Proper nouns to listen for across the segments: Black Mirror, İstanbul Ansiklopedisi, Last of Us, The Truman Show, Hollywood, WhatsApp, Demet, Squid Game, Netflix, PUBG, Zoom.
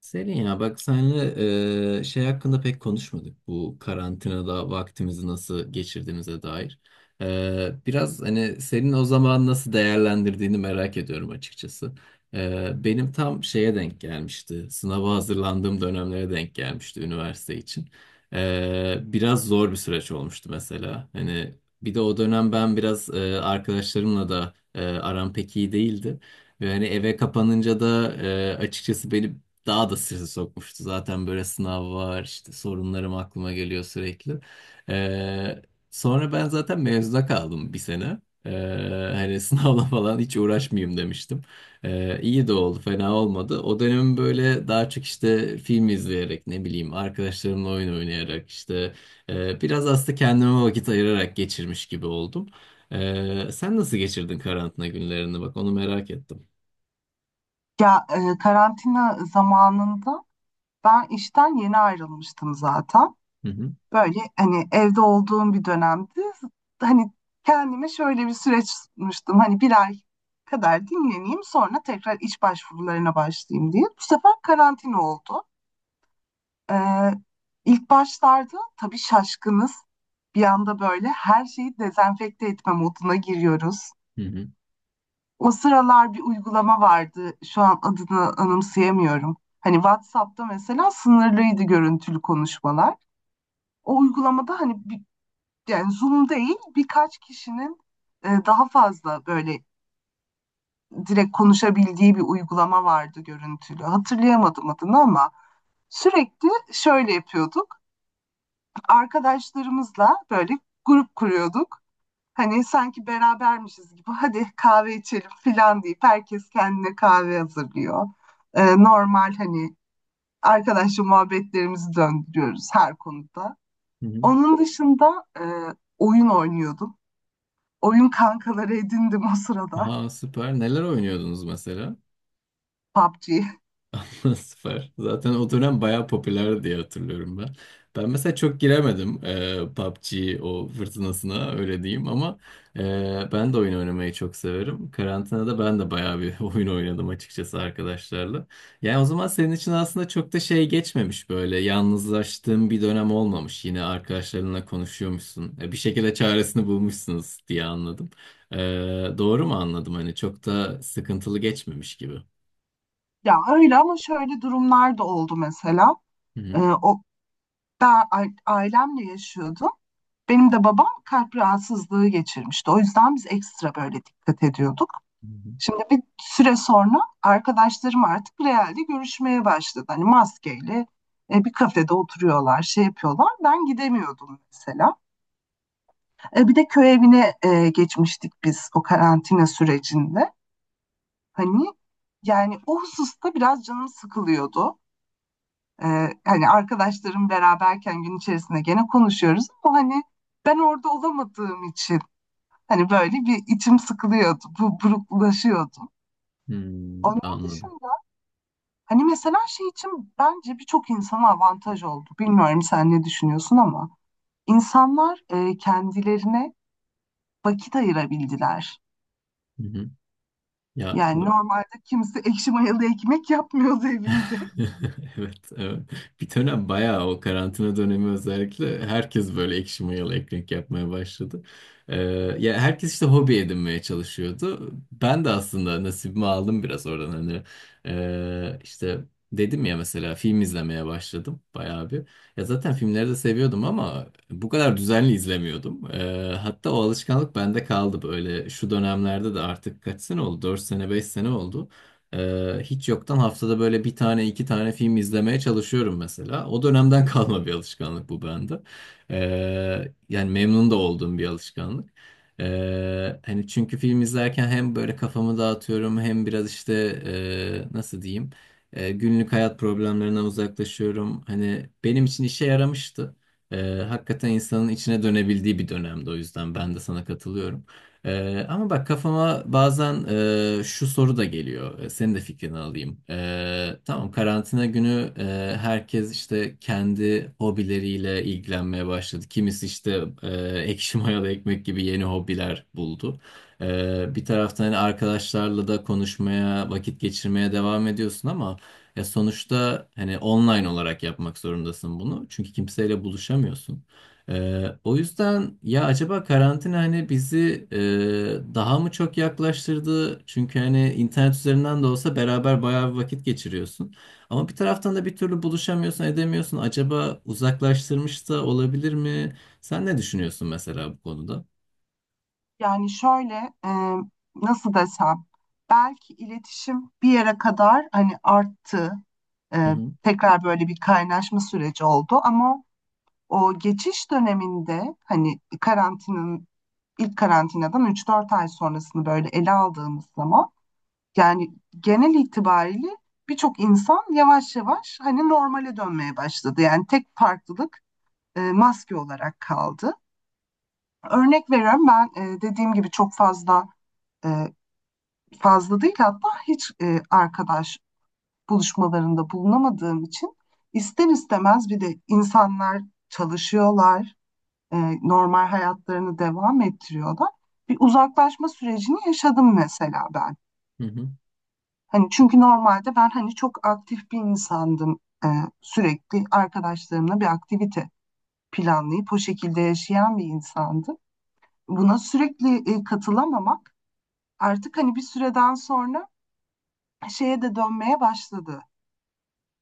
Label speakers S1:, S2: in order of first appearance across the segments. S1: Selin, ya bak, senle şey hakkında pek konuşmadık. Bu karantinada vaktimizi nasıl geçirdiğimize dair. Biraz hani senin o zaman nasıl değerlendirdiğini merak ediyorum açıkçası. Benim tam şeye denk gelmişti. Sınava hazırlandığım dönemlere denk gelmişti üniversite için. Biraz zor bir süreç olmuştu mesela. Hani bir de o dönem ben biraz arkadaşlarımla da aram pek iyi değildi. Ve hani eve kapanınca da açıkçası beni daha da strese sokmuştu. Zaten böyle sınav var, işte sorunlarım aklıma geliyor sürekli. Ee, Sonra ben zaten mezuna kaldım bir sene. Ee, Hani sınavla falan hiç uğraşmayayım demiştim. İyi de oldu, fena olmadı. O dönem böyle daha çok işte film izleyerek, ne bileyim, arkadaşlarımla oyun oynayarak, işte biraz aslında kendime vakit ayırarak geçirmiş gibi oldum. Sen nasıl geçirdin karantina günlerini? Bak, onu merak ettim.
S2: Ya karantina zamanında ben işten yeni ayrılmıştım zaten.
S1: Hı hı.
S2: Böyle hani evde olduğum bir dönemdi. Hani kendime şöyle bir süreç sunmuştum. Hani bir ay kadar dinleneyim sonra tekrar iş başvurularına başlayayım diye. Bu sefer karantina oldu. E, ilk başlarda tabii şaşkınız. Bir anda böyle her şeyi dezenfekte etme moduna giriyoruz.
S1: Hı hı.
S2: O sıralar bir uygulama vardı. Şu an adını anımsayamıyorum. Hani WhatsApp'ta mesela sınırlıydı görüntülü konuşmalar. O uygulamada hani bir, yani Zoom değil birkaç kişinin daha fazla böyle direkt konuşabildiği bir uygulama vardı görüntülü. Hatırlayamadım adını ama sürekli şöyle yapıyorduk. Arkadaşlarımızla böyle grup kuruyorduk. Hani sanki berabermişiz gibi hadi kahve içelim filan deyip herkes kendine kahve hazırlıyor. Normal hani arkadaşla muhabbetlerimizi döndürüyoruz her konuda.
S1: Hı hı.
S2: Onun dışında oyun oynuyordum. Oyun kankaları edindim o sırada
S1: Ha, süper. Neler oynuyordunuz mesela?
S2: PUBG.
S1: Süper. Zaten o dönem bayağı popüler diye hatırlıyorum ben. Ben mesela çok giremedim PUBG o fırtınasına, öyle diyeyim, ama e, ben de oyun oynamayı çok severim. Karantinada ben de bayağı bir oyun oynadım açıkçası arkadaşlarla. Yani o zaman senin için aslında çok da şey geçmemiş, böyle yalnızlaştığın bir dönem olmamış. Yine arkadaşlarınla konuşuyormuşsun. Bir şekilde çaresini bulmuşsunuz diye anladım. E, doğru mu anladım? Hani çok da sıkıntılı geçmemiş gibi.
S2: Ya öyle ama şöyle durumlar da oldu mesela.
S1: Hı
S2: Ee, o, ben ailemle yaşıyordum. Benim de babam kalp rahatsızlığı geçirmişti. O yüzden biz ekstra böyle dikkat ediyorduk.
S1: hı.
S2: Şimdi bir süre sonra arkadaşlarım artık realde görüşmeye başladı. Hani maskeyle bir kafede oturuyorlar, şey yapıyorlar. Ben gidemiyordum mesela. Bir de köy evine geçmiştik biz o karantina sürecinde. Hani yani o hususta biraz canım sıkılıyordu. E, Hani arkadaşlarım beraberken gün içerisinde gene konuşuyoruz ama hani ben orada olamadığım için hani böyle bir içim sıkılıyordu, bu buruklaşıyordu.
S1: Hmm,
S2: Onun
S1: anladım.
S2: dışında hani mesela şey için bence birçok insana avantaj oldu. Bilmiyorum sen ne düşünüyorsun ama insanlar kendilerine vakit ayırabildiler.
S1: Hı hı. Ya
S2: Yani
S1: b-
S2: normalde kimse ekşi mayalı ekmek yapmıyordu evinde.
S1: Evet, evet. Bir dönem bayağı o karantina dönemi, özellikle herkes böyle ekşi mayalı ekmek yapmaya başladı. Ee, Ya herkes işte hobi edinmeye çalışıyordu. Ben de aslında nasibimi aldım biraz oradan. Hani işte dedim ya, mesela film izlemeye başladım bayağı bir. Ya zaten filmleri de seviyordum ama bu kadar düzenli izlemiyordum. Hatta o alışkanlık bende kaldı, böyle şu dönemlerde de. Artık kaç sene oldu? 4 sene, 5 sene oldu. Hiç yoktan haftada böyle bir tane, iki tane film izlemeye çalışıyorum mesela. O dönemden kalma bir alışkanlık bu bende. Yani memnun da olduğum bir alışkanlık. Hani çünkü film izlerken hem böyle kafamı dağıtıyorum, hem biraz işte nasıl diyeyim, günlük hayat problemlerinden uzaklaşıyorum. Hani benim için işe yaramıştı. Ee, Hakikaten insanın içine dönebildiği bir dönemdi, o yüzden ben de sana katılıyorum. Ama bak, kafama bazen şu soru da geliyor. Senin de fikrini alayım. Tamam, karantina günü herkes işte kendi hobileriyle ilgilenmeye başladı. Kimisi işte ekşi mayalı ekmek gibi yeni hobiler buldu. Bir taraftan hani arkadaşlarla da konuşmaya, vakit geçirmeye devam ediyorsun ama ya sonuçta hani online olarak yapmak zorundasın bunu. Çünkü kimseyle buluşamıyorsun. O yüzden ya acaba karantina hani bizi daha mı çok yaklaştırdı? Çünkü hani internet üzerinden de olsa beraber bayağı bir vakit geçiriyorsun. Ama bir taraftan da bir türlü buluşamıyorsun, edemiyorsun. Acaba uzaklaştırmış da olabilir mi? Sen ne düşünüyorsun mesela bu konuda?
S2: Yani şöyle nasıl desem belki iletişim bir yere kadar hani arttı.
S1: Hı
S2: E,
S1: hı,
S2: Tekrar böyle bir kaynaşma süreci oldu ama o geçiş döneminde hani karantinanın ilk karantinadan 3-4 ay sonrasını böyle ele aldığımız zaman yani genel itibariyle birçok insan yavaş yavaş hani normale dönmeye başladı. Yani tek farklılık maske olarak kaldı. Örnek veriyorum ben, dediğim gibi çok fazla, e, fazla değil hatta hiç arkadaş buluşmalarında bulunamadığım için ister istemez bir de insanlar çalışıyorlar, normal hayatlarını devam ettiriyorlar. Bir uzaklaşma sürecini yaşadım mesela ben.
S1: hı hı,
S2: Hani çünkü normalde ben hani çok aktif bir insandım. E, Sürekli arkadaşlarımla bir aktivite planlayıp o şekilde yaşayan bir insandım. Buna sürekli katılamamak artık hani bir süreden sonra şeye de dönmeye başladı.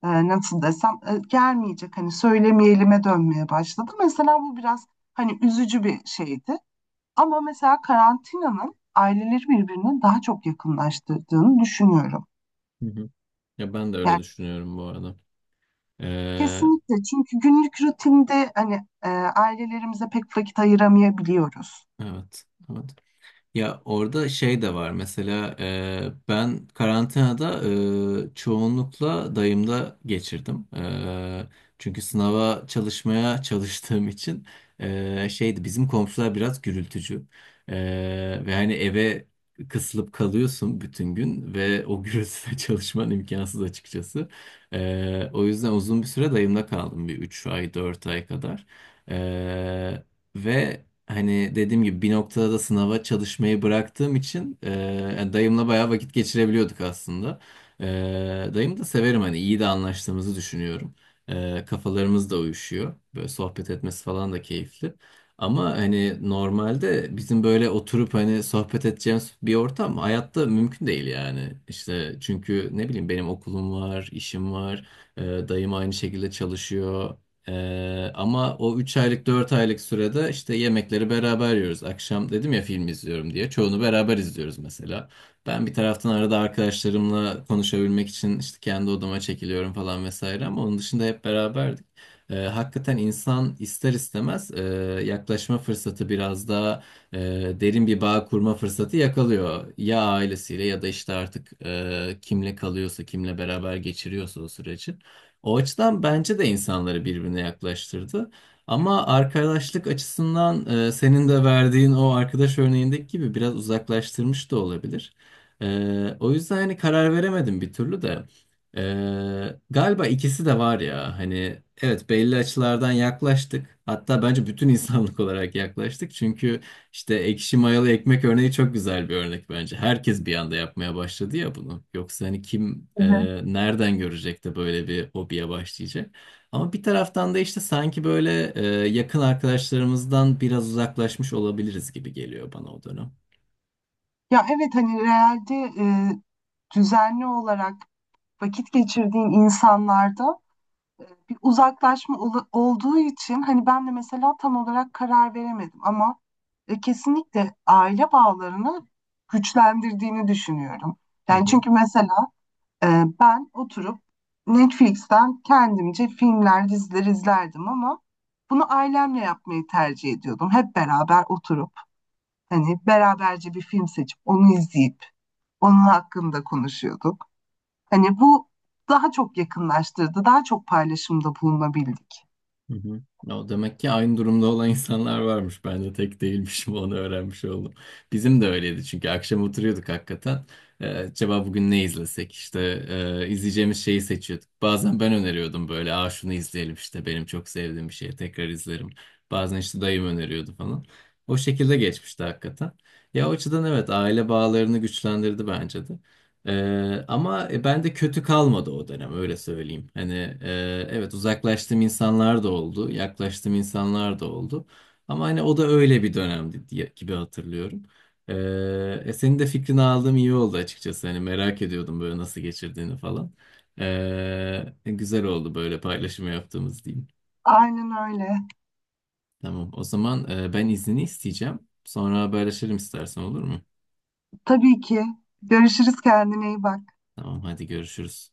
S2: Nasıl desem, gelmeyecek hani söylemeyelim'e dönmeye başladı. Mesela bu biraz hani üzücü bir şeydi. Ama mesela karantinanın aileleri birbirine daha çok yakınlaştırdığını düşünüyorum.
S1: hı hı. Ya ben de öyle
S2: Yani
S1: düşünüyorum bu arada. Ee,
S2: kesinlikle çünkü günlük rutinde hani ailelerimize pek vakit ayıramayabiliyoruz.
S1: evet, evet. Ya orada şey de var mesela. Ben karantinada çoğunlukla dayımda geçirdim. Çünkü sınava çalışmaya çalıştığım için şeydi, bizim komşular biraz gürültücü. E, Ve hani eve kısılıp kalıyorsun bütün gün ve o gürültüde çalışman imkansız açıkçası. O yüzden uzun bir süre dayımda kaldım, bir 3 ay 4 ay kadar. E, Ve hani, dediğim gibi, bir noktada da sınava çalışmayı bıraktığım için yani dayımla bayağı vakit geçirebiliyorduk aslında. E, dayım da severim, hani iyi de anlaştığımızı düşünüyorum. Kafalarımız da uyuşuyor. Böyle sohbet etmesi falan da keyifli. Ama hani normalde bizim böyle oturup hani sohbet edeceğimiz bir ortam hayatta mümkün değil yani. İşte çünkü, ne bileyim, benim okulum var, işim var, dayım aynı şekilde çalışıyor. Ama o 3 aylık 4 aylık sürede işte yemekleri beraber yiyoruz. Akşam, dedim ya, film izliyorum diye. Çoğunu beraber izliyoruz mesela. Ben bir taraftan arada arkadaşlarımla konuşabilmek için işte kendi odama çekiliyorum falan vesaire, ama onun dışında hep beraberdik. Hakikaten insan ister istemez yaklaşma fırsatı, biraz daha e, derin bir bağ kurma fırsatı yakalıyor. Ya ailesiyle ya da işte artık kimle kalıyorsa, kimle beraber geçiriyorsa o süreci. O açıdan bence de insanları birbirine yaklaştırdı. Ama arkadaşlık açısından senin de verdiğin o arkadaş örneğindeki gibi biraz uzaklaştırmış da olabilir. O yüzden hani karar veremedim bir türlü de. Galiba ikisi de var ya, hani evet, belli açılardan yaklaştık. Hatta bence bütün insanlık olarak yaklaştık. Çünkü işte ekşi mayalı ekmek örneği çok güzel bir örnek bence. Herkes bir anda yapmaya başladı ya bunu. Yoksa hani kim
S2: Evet.
S1: nereden görecek de böyle bir hobiye başlayacak? Ama bir taraftan da işte sanki böyle yakın arkadaşlarımızdan biraz uzaklaşmış olabiliriz gibi geliyor bana o dönem.
S2: Ya evet, hani realde düzenli olarak vakit geçirdiğin insanlarda bir uzaklaşma olduğu için hani ben de mesela tam olarak karar veremedim ama kesinlikle aile bağlarını güçlendirdiğini düşünüyorum.
S1: Hı
S2: Yani
S1: hı.
S2: çünkü mesela. Ben oturup Netflix'ten kendimce filmler, diziler izlerdim ama bunu ailemle yapmayı tercih ediyordum. Hep beraber oturup hani beraberce bir film seçip onu izleyip onun hakkında konuşuyorduk. Hani bu daha çok yakınlaştırdı, daha çok paylaşımda bulunabildik.
S1: Hı hı. O demek ki aynı durumda olan insanlar varmış. Ben de tek değilmişim, onu öğrenmiş oldum. Bizim de öyleydi, çünkü akşam oturuyorduk hakikaten. Acaba bugün ne izlesek? İşte izleyeceğimiz şeyi seçiyorduk. Bazen ben öneriyordum böyle. Aa, şunu izleyelim, işte benim çok sevdiğim bir şey, tekrar izlerim. Bazen işte dayım öneriyordu falan. O şekilde geçmişti hakikaten. Ya o açıdan evet, aile bağlarını güçlendirdi bence de. Ama ben de kötü kalmadı o dönem, öyle söyleyeyim. Hani evet, uzaklaştığım insanlar da oldu, yaklaştığım insanlar da oldu. Ama hani o da öyle bir dönemdi diye, gibi hatırlıyorum. Ee, Senin de fikrini aldığım iyi oldu açıkçası. Hani merak ediyordum böyle nasıl geçirdiğini falan. Güzel oldu böyle, paylaşımı yaptığımız diyeyim.
S2: Aynen öyle.
S1: Tamam, o zaman ben iznini isteyeceğim. Sonra haberleşelim istersen, olur mu?
S2: Tabii ki. Görüşürüz, kendine iyi bak.
S1: Tamam, hadi görüşürüz.